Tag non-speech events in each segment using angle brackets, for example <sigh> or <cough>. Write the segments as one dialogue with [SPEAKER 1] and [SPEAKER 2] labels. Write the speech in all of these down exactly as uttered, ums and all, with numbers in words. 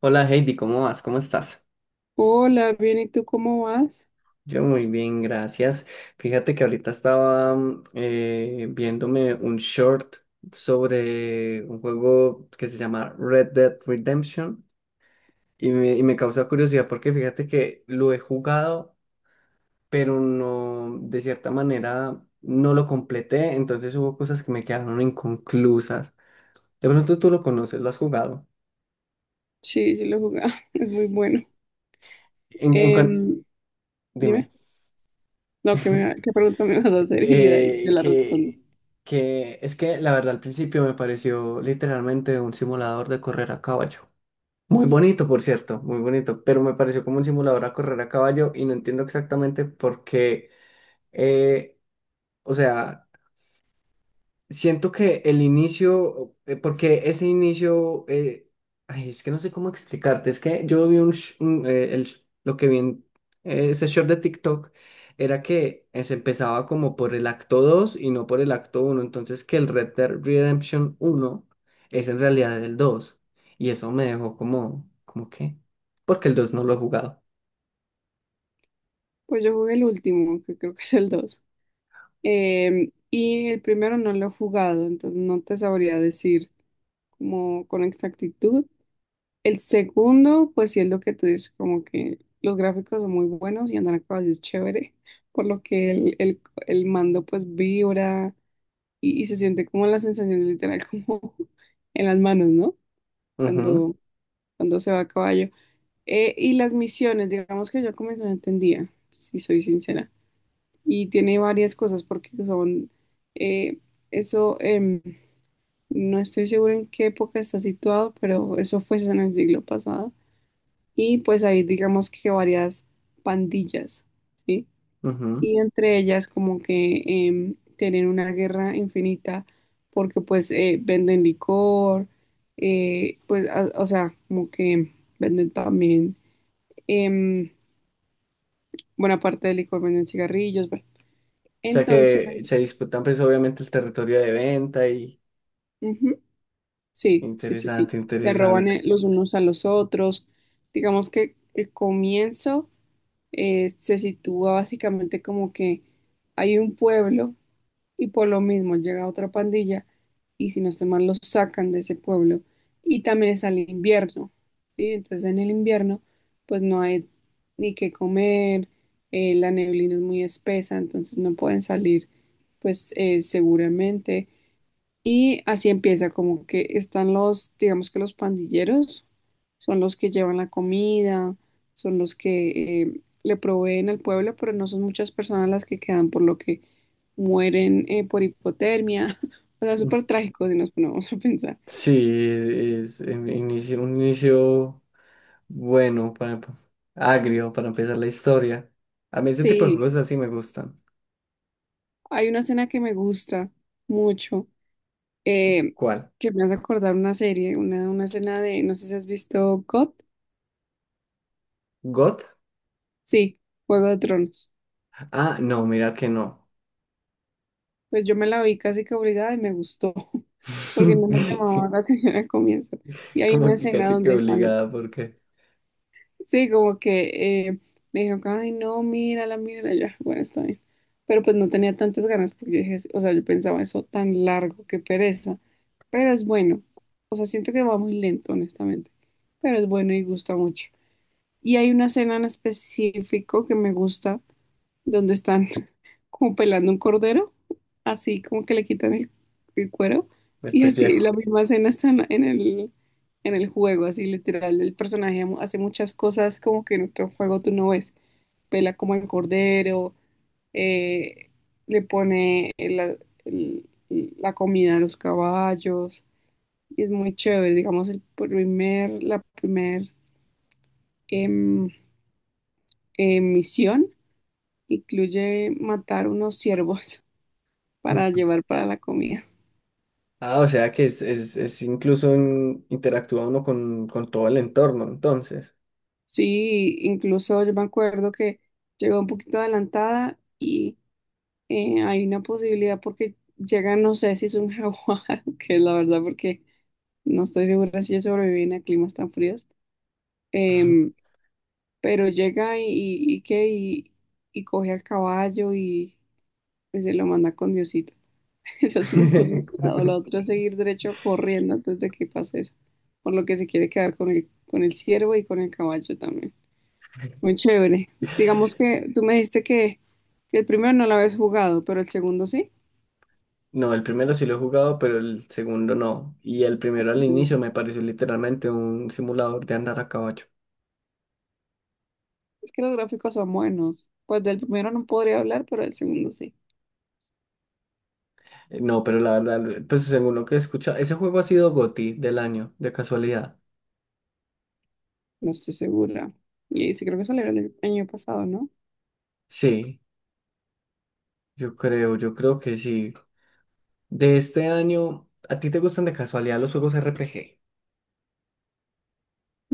[SPEAKER 1] Hola Heidi, ¿cómo vas? ¿Cómo estás?
[SPEAKER 2] Hola, bien, ¿y tú cómo vas?
[SPEAKER 1] Yo muy bien, gracias. Fíjate que ahorita estaba mm, eh, viéndome un short sobre un juego que se llama Red Dead Redemption y me, y me causa curiosidad porque fíjate que lo he jugado, pero no, de cierta manera no lo completé, entonces hubo cosas que me quedaron inconclusas. De pronto tú lo conoces, lo has jugado.
[SPEAKER 2] Sí, sí lo jugaba, <laughs> es muy bueno.
[SPEAKER 1] En, en cuan-
[SPEAKER 2] Em, Dime,
[SPEAKER 1] Dime.
[SPEAKER 2] no, ¿qué,
[SPEAKER 1] <laughs>
[SPEAKER 2] me- qué pregunta me vas a hacer? <laughs> Y de ahí te
[SPEAKER 1] eh,
[SPEAKER 2] la respondo.
[SPEAKER 1] que, que es que la verdad al principio me pareció literalmente un simulador de correr a caballo. Muy bonito, por cierto, muy bonito, pero me pareció como un simulador a correr a caballo y no entiendo exactamente por qué, eh, o sea. Siento que el inicio, eh, porque ese inicio, eh, ay, es que no sé cómo explicarte, es que yo vi un, sh- un, eh, el sh- lo que vi en eh, ese short de TikTok era que eh, se empezaba como por el acto dos y no por el acto uno, entonces que el Red Dead Redemption uno es en realidad el dos, y eso me dejó como, ¿como qué? Porque el dos no lo he jugado.
[SPEAKER 2] Pues yo jugué el último, que creo que es el dos. Em, y el primero no lo he jugado, entonces no te sabría decir como con exactitud. El segundo, pues sí es lo que tú dices, como que los gráficos son muy buenos y andar a caballo es chévere, por lo que el, el, el mando pues vibra y, y se siente como la sensación literal como <laughs> en las manos, ¿no?
[SPEAKER 1] Ujú,
[SPEAKER 2] Cuando, Cuando se va a caballo. Eh, y las misiones, digamos que yo como no entendía, si soy sincera. Y tiene varias cosas porque son, eh, eso, em, no estoy segura en qué época está situado, pero eso fue en el siglo pasado. Y pues hay digamos que varias pandillas, ¿sí?
[SPEAKER 1] ujú.
[SPEAKER 2] Y entre ellas como que em, tienen una guerra infinita porque pues eh, venden licor, eh, pues a- o sea, como que venden también, em, buena parte del licor venden cigarrillos, bueno.
[SPEAKER 1] O sea que
[SPEAKER 2] Entonces,
[SPEAKER 1] se disputan pues obviamente el territorio de venta y
[SPEAKER 2] ujú, sí, sí, sí, sí,
[SPEAKER 1] interesante,
[SPEAKER 2] se roban eh,
[SPEAKER 1] interesante.
[SPEAKER 2] los unos a los otros. Digamos que el comienzo eh, se sitúa básicamente como que hay un pueblo y por lo mismo llega otra pandilla y si no estoy mal los sacan de ese pueblo y también está el invierno, ¿sí? Entonces en el invierno pues no hay ni qué comer, eh, la neblina es muy espesa, entonces no pueden salir pues eh, seguramente y así empieza, como que están los, digamos que los pandilleros, son los que llevan la comida, son los que eh, le proveen al pueblo, pero no son muchas personas las que quedan, por lo que mueren eh, por hipotermia. <laughs> O sea, súper trágico si nos ponemos a pensar.
[SPEAKER 1] Sí, es, en- inicio- un inicio bueno, para, agrio para empezar la historia. A mí ese tipo de
[SPEAKER 2] Sí,
[SPEAKER 1] juegos así me gustan.
[SPEAKER 2] hay una escena que me gusta mucho, eh,
[SPEAKER 1] ¿Cuál?
[SPEAKER 2] que me hace acordar una serie, una, una escena de, no sé si has visto G O T,
[SPEAKER 1] ¿God?
[SPEAKER 2] sí, Juego de Tronos.
[SPEAKER 1] Ah, no, mira que no.
[SPEAKER 2] Pues yo me la vi casi que obligada y me gustó, porque no me
[SPEAKER 1] <laughs>
[SPEAKER 2] llamaba la <laughs> atención al comienzo. Y hay una
[SPEAKER 1] Como que
[SPEAKER 2] escena
[SPEAKER 1] casi que
[SPEAKER 2] donde están,
[SPEAKER 1] obligada porque
[SPEAKER 2] sí, como que eh, me dijeron, ay, no, mírala, mírala, ya, bueno, está bien. Pero pues no tenía tantas ganas porque dije, o sea, yo pensaba eso tan largo, qué pereza. Pero es bueno, o sea, siento que va muy lento, honestamente, pero es bueno y gusta mucho. Y hay una escena en específico que me gusta, donde están como pelando un cordero, así como que le quitan el, el cuero,
[SPEAKER 1] el
[SPEAKER 2] y así la
[SPEAKER 1] pellejo.
[SPEAKER 2] misma escena está en, en el, en el juego, así literal, el personaje mu- hace muchas cosas como que en otro juego tú no ves, pela como el cordero, eh, le pone el- el- la comida a los caballos, y es muy chévere, digamos, el primer, la primer em, em, misión incluye matar unos ciervos <laughs> para llevar para la comida.
[SPEAKER 1] Ah, o sea que es, es, es incluso un- interactúa uno con, con todo el entorno, entonces.
[SPEAKER 2] Sí, incluso yo me acuerdo que llegó un poquito adelantada y eh, hay una posibilidad porque llega, no sé si es un jaguar, <laughs> que es la verdad porque no estoy segura si ellos sobreviven a climas tan fríos, em, pero llega y, y, y que y, y coge al caballo y pues, se lo manda con Diosito. <laughs> Esa es una posibilidad. O la
[SPEAKER 1] <laughs>
[SPEAKER 2] otra es seguir derecho corriendo antes de que pase eso, por lo que se quiere quedar con el, con el ciervo y con el caballo también. Muy chévere. Digamos que tú me dijiste que, que el primero no lo habías jugado, pero el segundo sí.
[SPEAKER 1] No, el primero sí lo he jugado, pero el segundo no. Y el primero al
[SPEAKER 2] El
[SPEAKER 1] inicio
[SPEAKER 2] segundo.
[SPEAKER 1] me pareció literalmente un simulador de andar a caballo.
[SPEAKER 2] Es que los gráficos son buenos. Pues del primero no podría hablar, pero del segundo sí.
[SPEAKER 1] Eh, No, pero la verdad, pues según lo que escucha, ese juego ha sido GOTY del año, de casualidad.
[SPEAKER 2] No estoy segura. Y sí creo que salió el año pasado, ¿no?
[SPEAKER 1] Sí, yo creo, yo creo que sí. De este año. ¿A ti te gustan de casualidad los juegos R P G,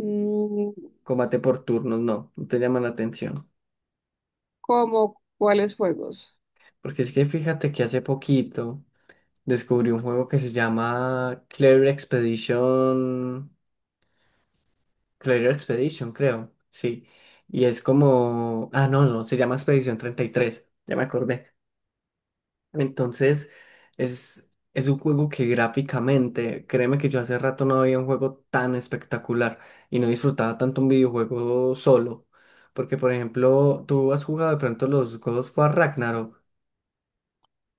[SPEAKER 2] Mm,
[SPEAKER 1] combate por turnos? No, no te llaman la atención.
[SPEAKER 2] ¿cómo cuáles juegos?
[SPEAKER 1] Porque es que fíjate que hace poquito descubrí un juego que se llama Clear Expedition. Clair Expedition, creo, sí. Y es como, ah, no, no, se llama Expedition treinta y tres, ya me acordé. Entonces, es, es un juego que gráficamente, créeme que yo hace rato no había un juego tan espectacular y no disfrutaba tanto un videojuego solo. Porque, por ejemplo, tú has jugado de pronto los God of War Ragnarok,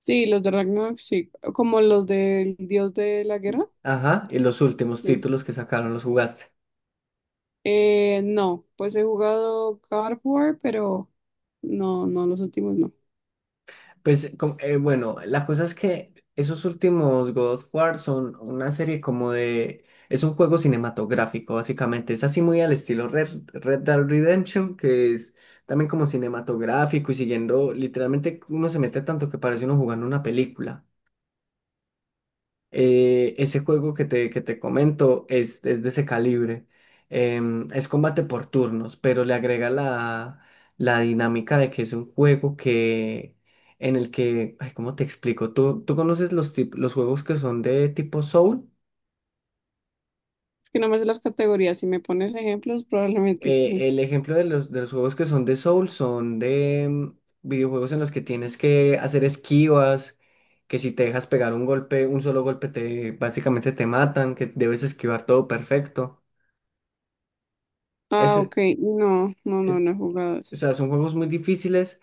[SPEAKER 2] Sí, los de Ragnarok, sí. ¿Como los del dios de la guerra?
[SPEAKER 1] ajá, y los últimos
[SPEAKER 2] Sí.
[SPEAKER 1] títulos que sacaron los jugaste.
[SPEAKER 2] Eh, no, pues he jugado God of War, pero no, no, los últimos no.
[SPEAKER 1] Pues com- eh, bueno, la cosa es que esos últimos God of War son una serie como de... Es un juego cinematográfico, básicamente. Es así muy al estilo Red, Red Dead Redemption, que es también como cinematográfico y siguiendo, literalmente uno se mete tanto que parece uno jugando una película. Eh, ese juego que te, que te comento es, es de ese calibre. Em, es combate por turnos, pero le agrega la, la dinámica de que es un juego que en el que, ay, ¿cómo te explico? ¿Tú, tú conoces los, tip- los juegos que son de tipo Soul?
[SPEAKER 2] Que no me sé las categorías. Si me pones ejemplos, probablemente
[SPEAKER 1] Eh,
[SPEAKER 2] sí.
[SPEAKER 1] el ejemplo de los, de los juegos que son de Soul son de em, videojuegos en los que tienes que hacer esquivas, que si te dejas pegar un golpe, un solo golpe te básicamente te matan, que debes esquivar todo perfecto.
[SPEAKER 2] Ah, ok. No, no,
[SPEAKER 1] es-
[SPEAKER 2] no, no he jugado
[SPEAKER 1] o
[SPEAKER 2] eso.
[SPEAKER 1] sea, son juegos muy difíciles,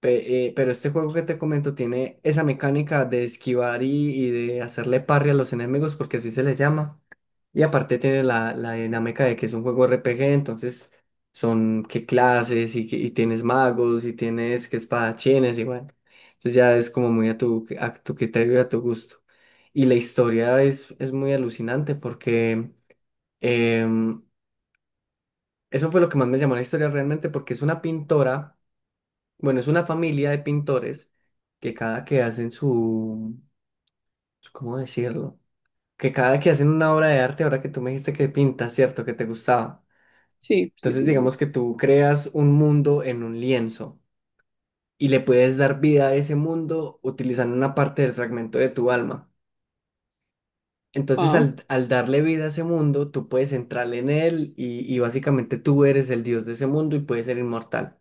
[SPEAKER 1] pe- eh, pero este juego que te comento tiene esa mecánica de esquivar y, y de hacerle parry a los enemigos, porque así se le llama. Y aparte tiene la, la dinámica de que es un juego R P G, entonces son qué clases y, que- y tienes magos y tienes que espadachines y bueno. Entonces ya es como muy a tu, a tu criterio y a tu gusto. Y la historia es, es muy alucinante porque em, eso fue lo que más me llamó la historia realmente porque es una pintora. Bueno, es una familia de pintores que cada que hacen su, su- ¿cómo decirlo? Que cada que hacen una obra de arte, ahora que tú me dijiste que pintas, ¿cierto? Que te gustaba.
[SPEAKER 2] Sí, sí,
[SPEAKER 1] Entonces,
[SPEAKER 2] sí me
[SPEAKER 1] digamos
[SPEAKER 2] gusta.
[SPEAKER 1] que tú creas un mundo en un lienzo y le puedes dar vida a ese mundo utilizando una parte del fragmento de tu alma. Entonces,
[SPEAKER 2] Wow,
[SPEAKER 1] al, al darle vida a ese mundo, tú puedes entrar en él y, y básicamente tú eres el dios de ese mundo y puedes ser inmortal.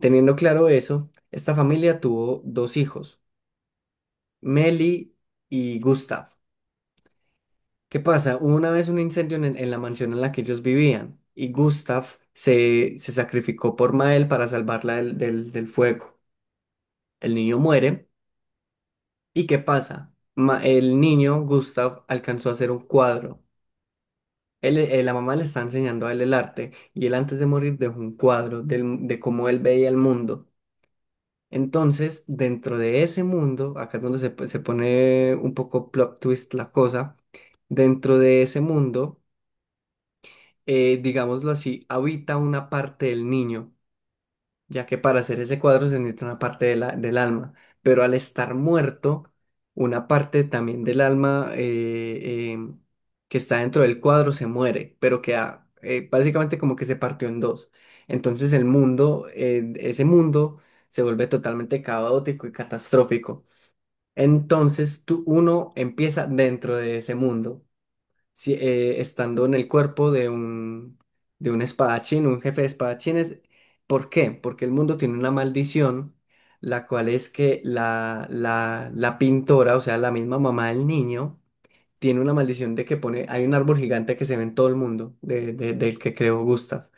[SPEAKER 1] Teniendo claro eso, esta familia tuvo dos hijos. Meli y Gustav. ¿Qué pasa? Hubo una vez un incendio en, en la mansión en la que ellos vivían y Gustav se, se sacrificó por Mael para salvarla del, del- del fuego. El niño muere. ¿Y qué pasa? Ma- el niño, Gustav, alcanzó a hacer un cuadro. Él- eh, la mamá le está enseñando a él el arte y él antes de morir dejó un cuadro del- de cómo él veía el mundo. Entonces, dentro de ese mundo, acá es donde se, po- se pone un poco plot twist la cosa. Dentro de ese mundo, eh, digámoslo así, habita una parte del niño, ya que para hacer ese cuadro se necesita una parte de la- del alma, pero al estar muerto, una parte también del alma, eh, eh, que está dentro del cuadro, se muere, pero queda, eh, básicamente, como que se partió en dos. Entonces el mundo, eh, ese mundo, se vuelve totalmente caótico y catastrófico. Entonces tú, uno empieza dentro de ese mundo si- eh, estando en el cuerpo de un, de un, espadachín, un jefe de espadachines. ¿Por qué? Porque el mundo tiene una maldición, la cual es que la, la, la pintora, o sea, la misma mamá del niño, tiene una maldición de que pone, hay un árbol gigante que se ve en todo el mundo, de- de- del que creó Gustav,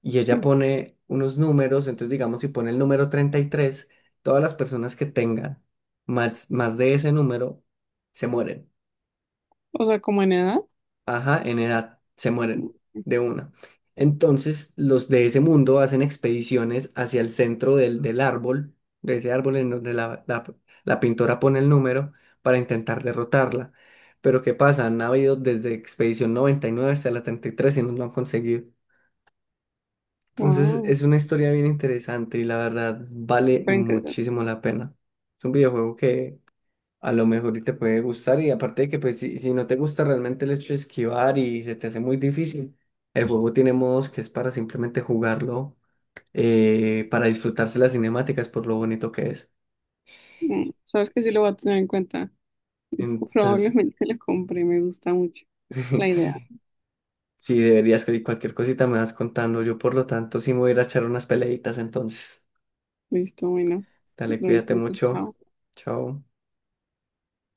[SPEAKER 1] y ella
[SPEAKER 2] sí.
[SPEAKER 1] pone unos números. Entonces, digamos, si pone el número treinta y tres, todas las personas que tengan más, más de ese número se mueren.
[SPEAKER 2] O sea, como en edad.
[SPEAKER 1] Ajá, en edad se mueren de una. Entonces, los de ese mundo hacen expediciones hacia el centro del, del árbol, de ese árbol, en donde la, la- la pintora pone el número para intentar derrotarla. Pero ¿qué pasa? Han habido desde expedición noventa y nueve hasta la treinta y tres y tres y no lo han conseguido. Entonces,
[SPEAKER 2] Wow,
[SPEAKER 1] es una historia bien interesante y la verdad vale
[SPEAKER 2] súper interesante.
[SPEAKER 1] muchísimo la pena. Es un videojuego, a lo mejor y te puede gustar, y aparte de que, pues si, si no te gusta realmente el hecho de esquivar y se te hace muy difícil, el juego tiene modos que es para simplemente jugarlo, eh, para disfrutarse las cinemáticas por lo bonito que es.
[SPEAKER 2] Mm, sabes que sí lo voy a tener en cuenta. <laughs>
[SPEAKER 1] Entonces,
[SPEAKER 2] Probablemente lo compre, me gusta mucho la idea.
[SPEAKER 1] <laughs> si deberías, y cualquier cosita me vas contando, yo por lo tanto sí me voy a ir a echar unas peleitas entonces.
[SPEAKER 2] Listo, bueno. Que
[SPEAKER 1] Dale,
[SPEAKER 2] lo
[SPEAKER 1] cuídate
[SPEAKER 2] disfrutes,
[SPEAKER 1] mucho.
[SPEAKER 2] chao.
[SPEAKER 1] Chao.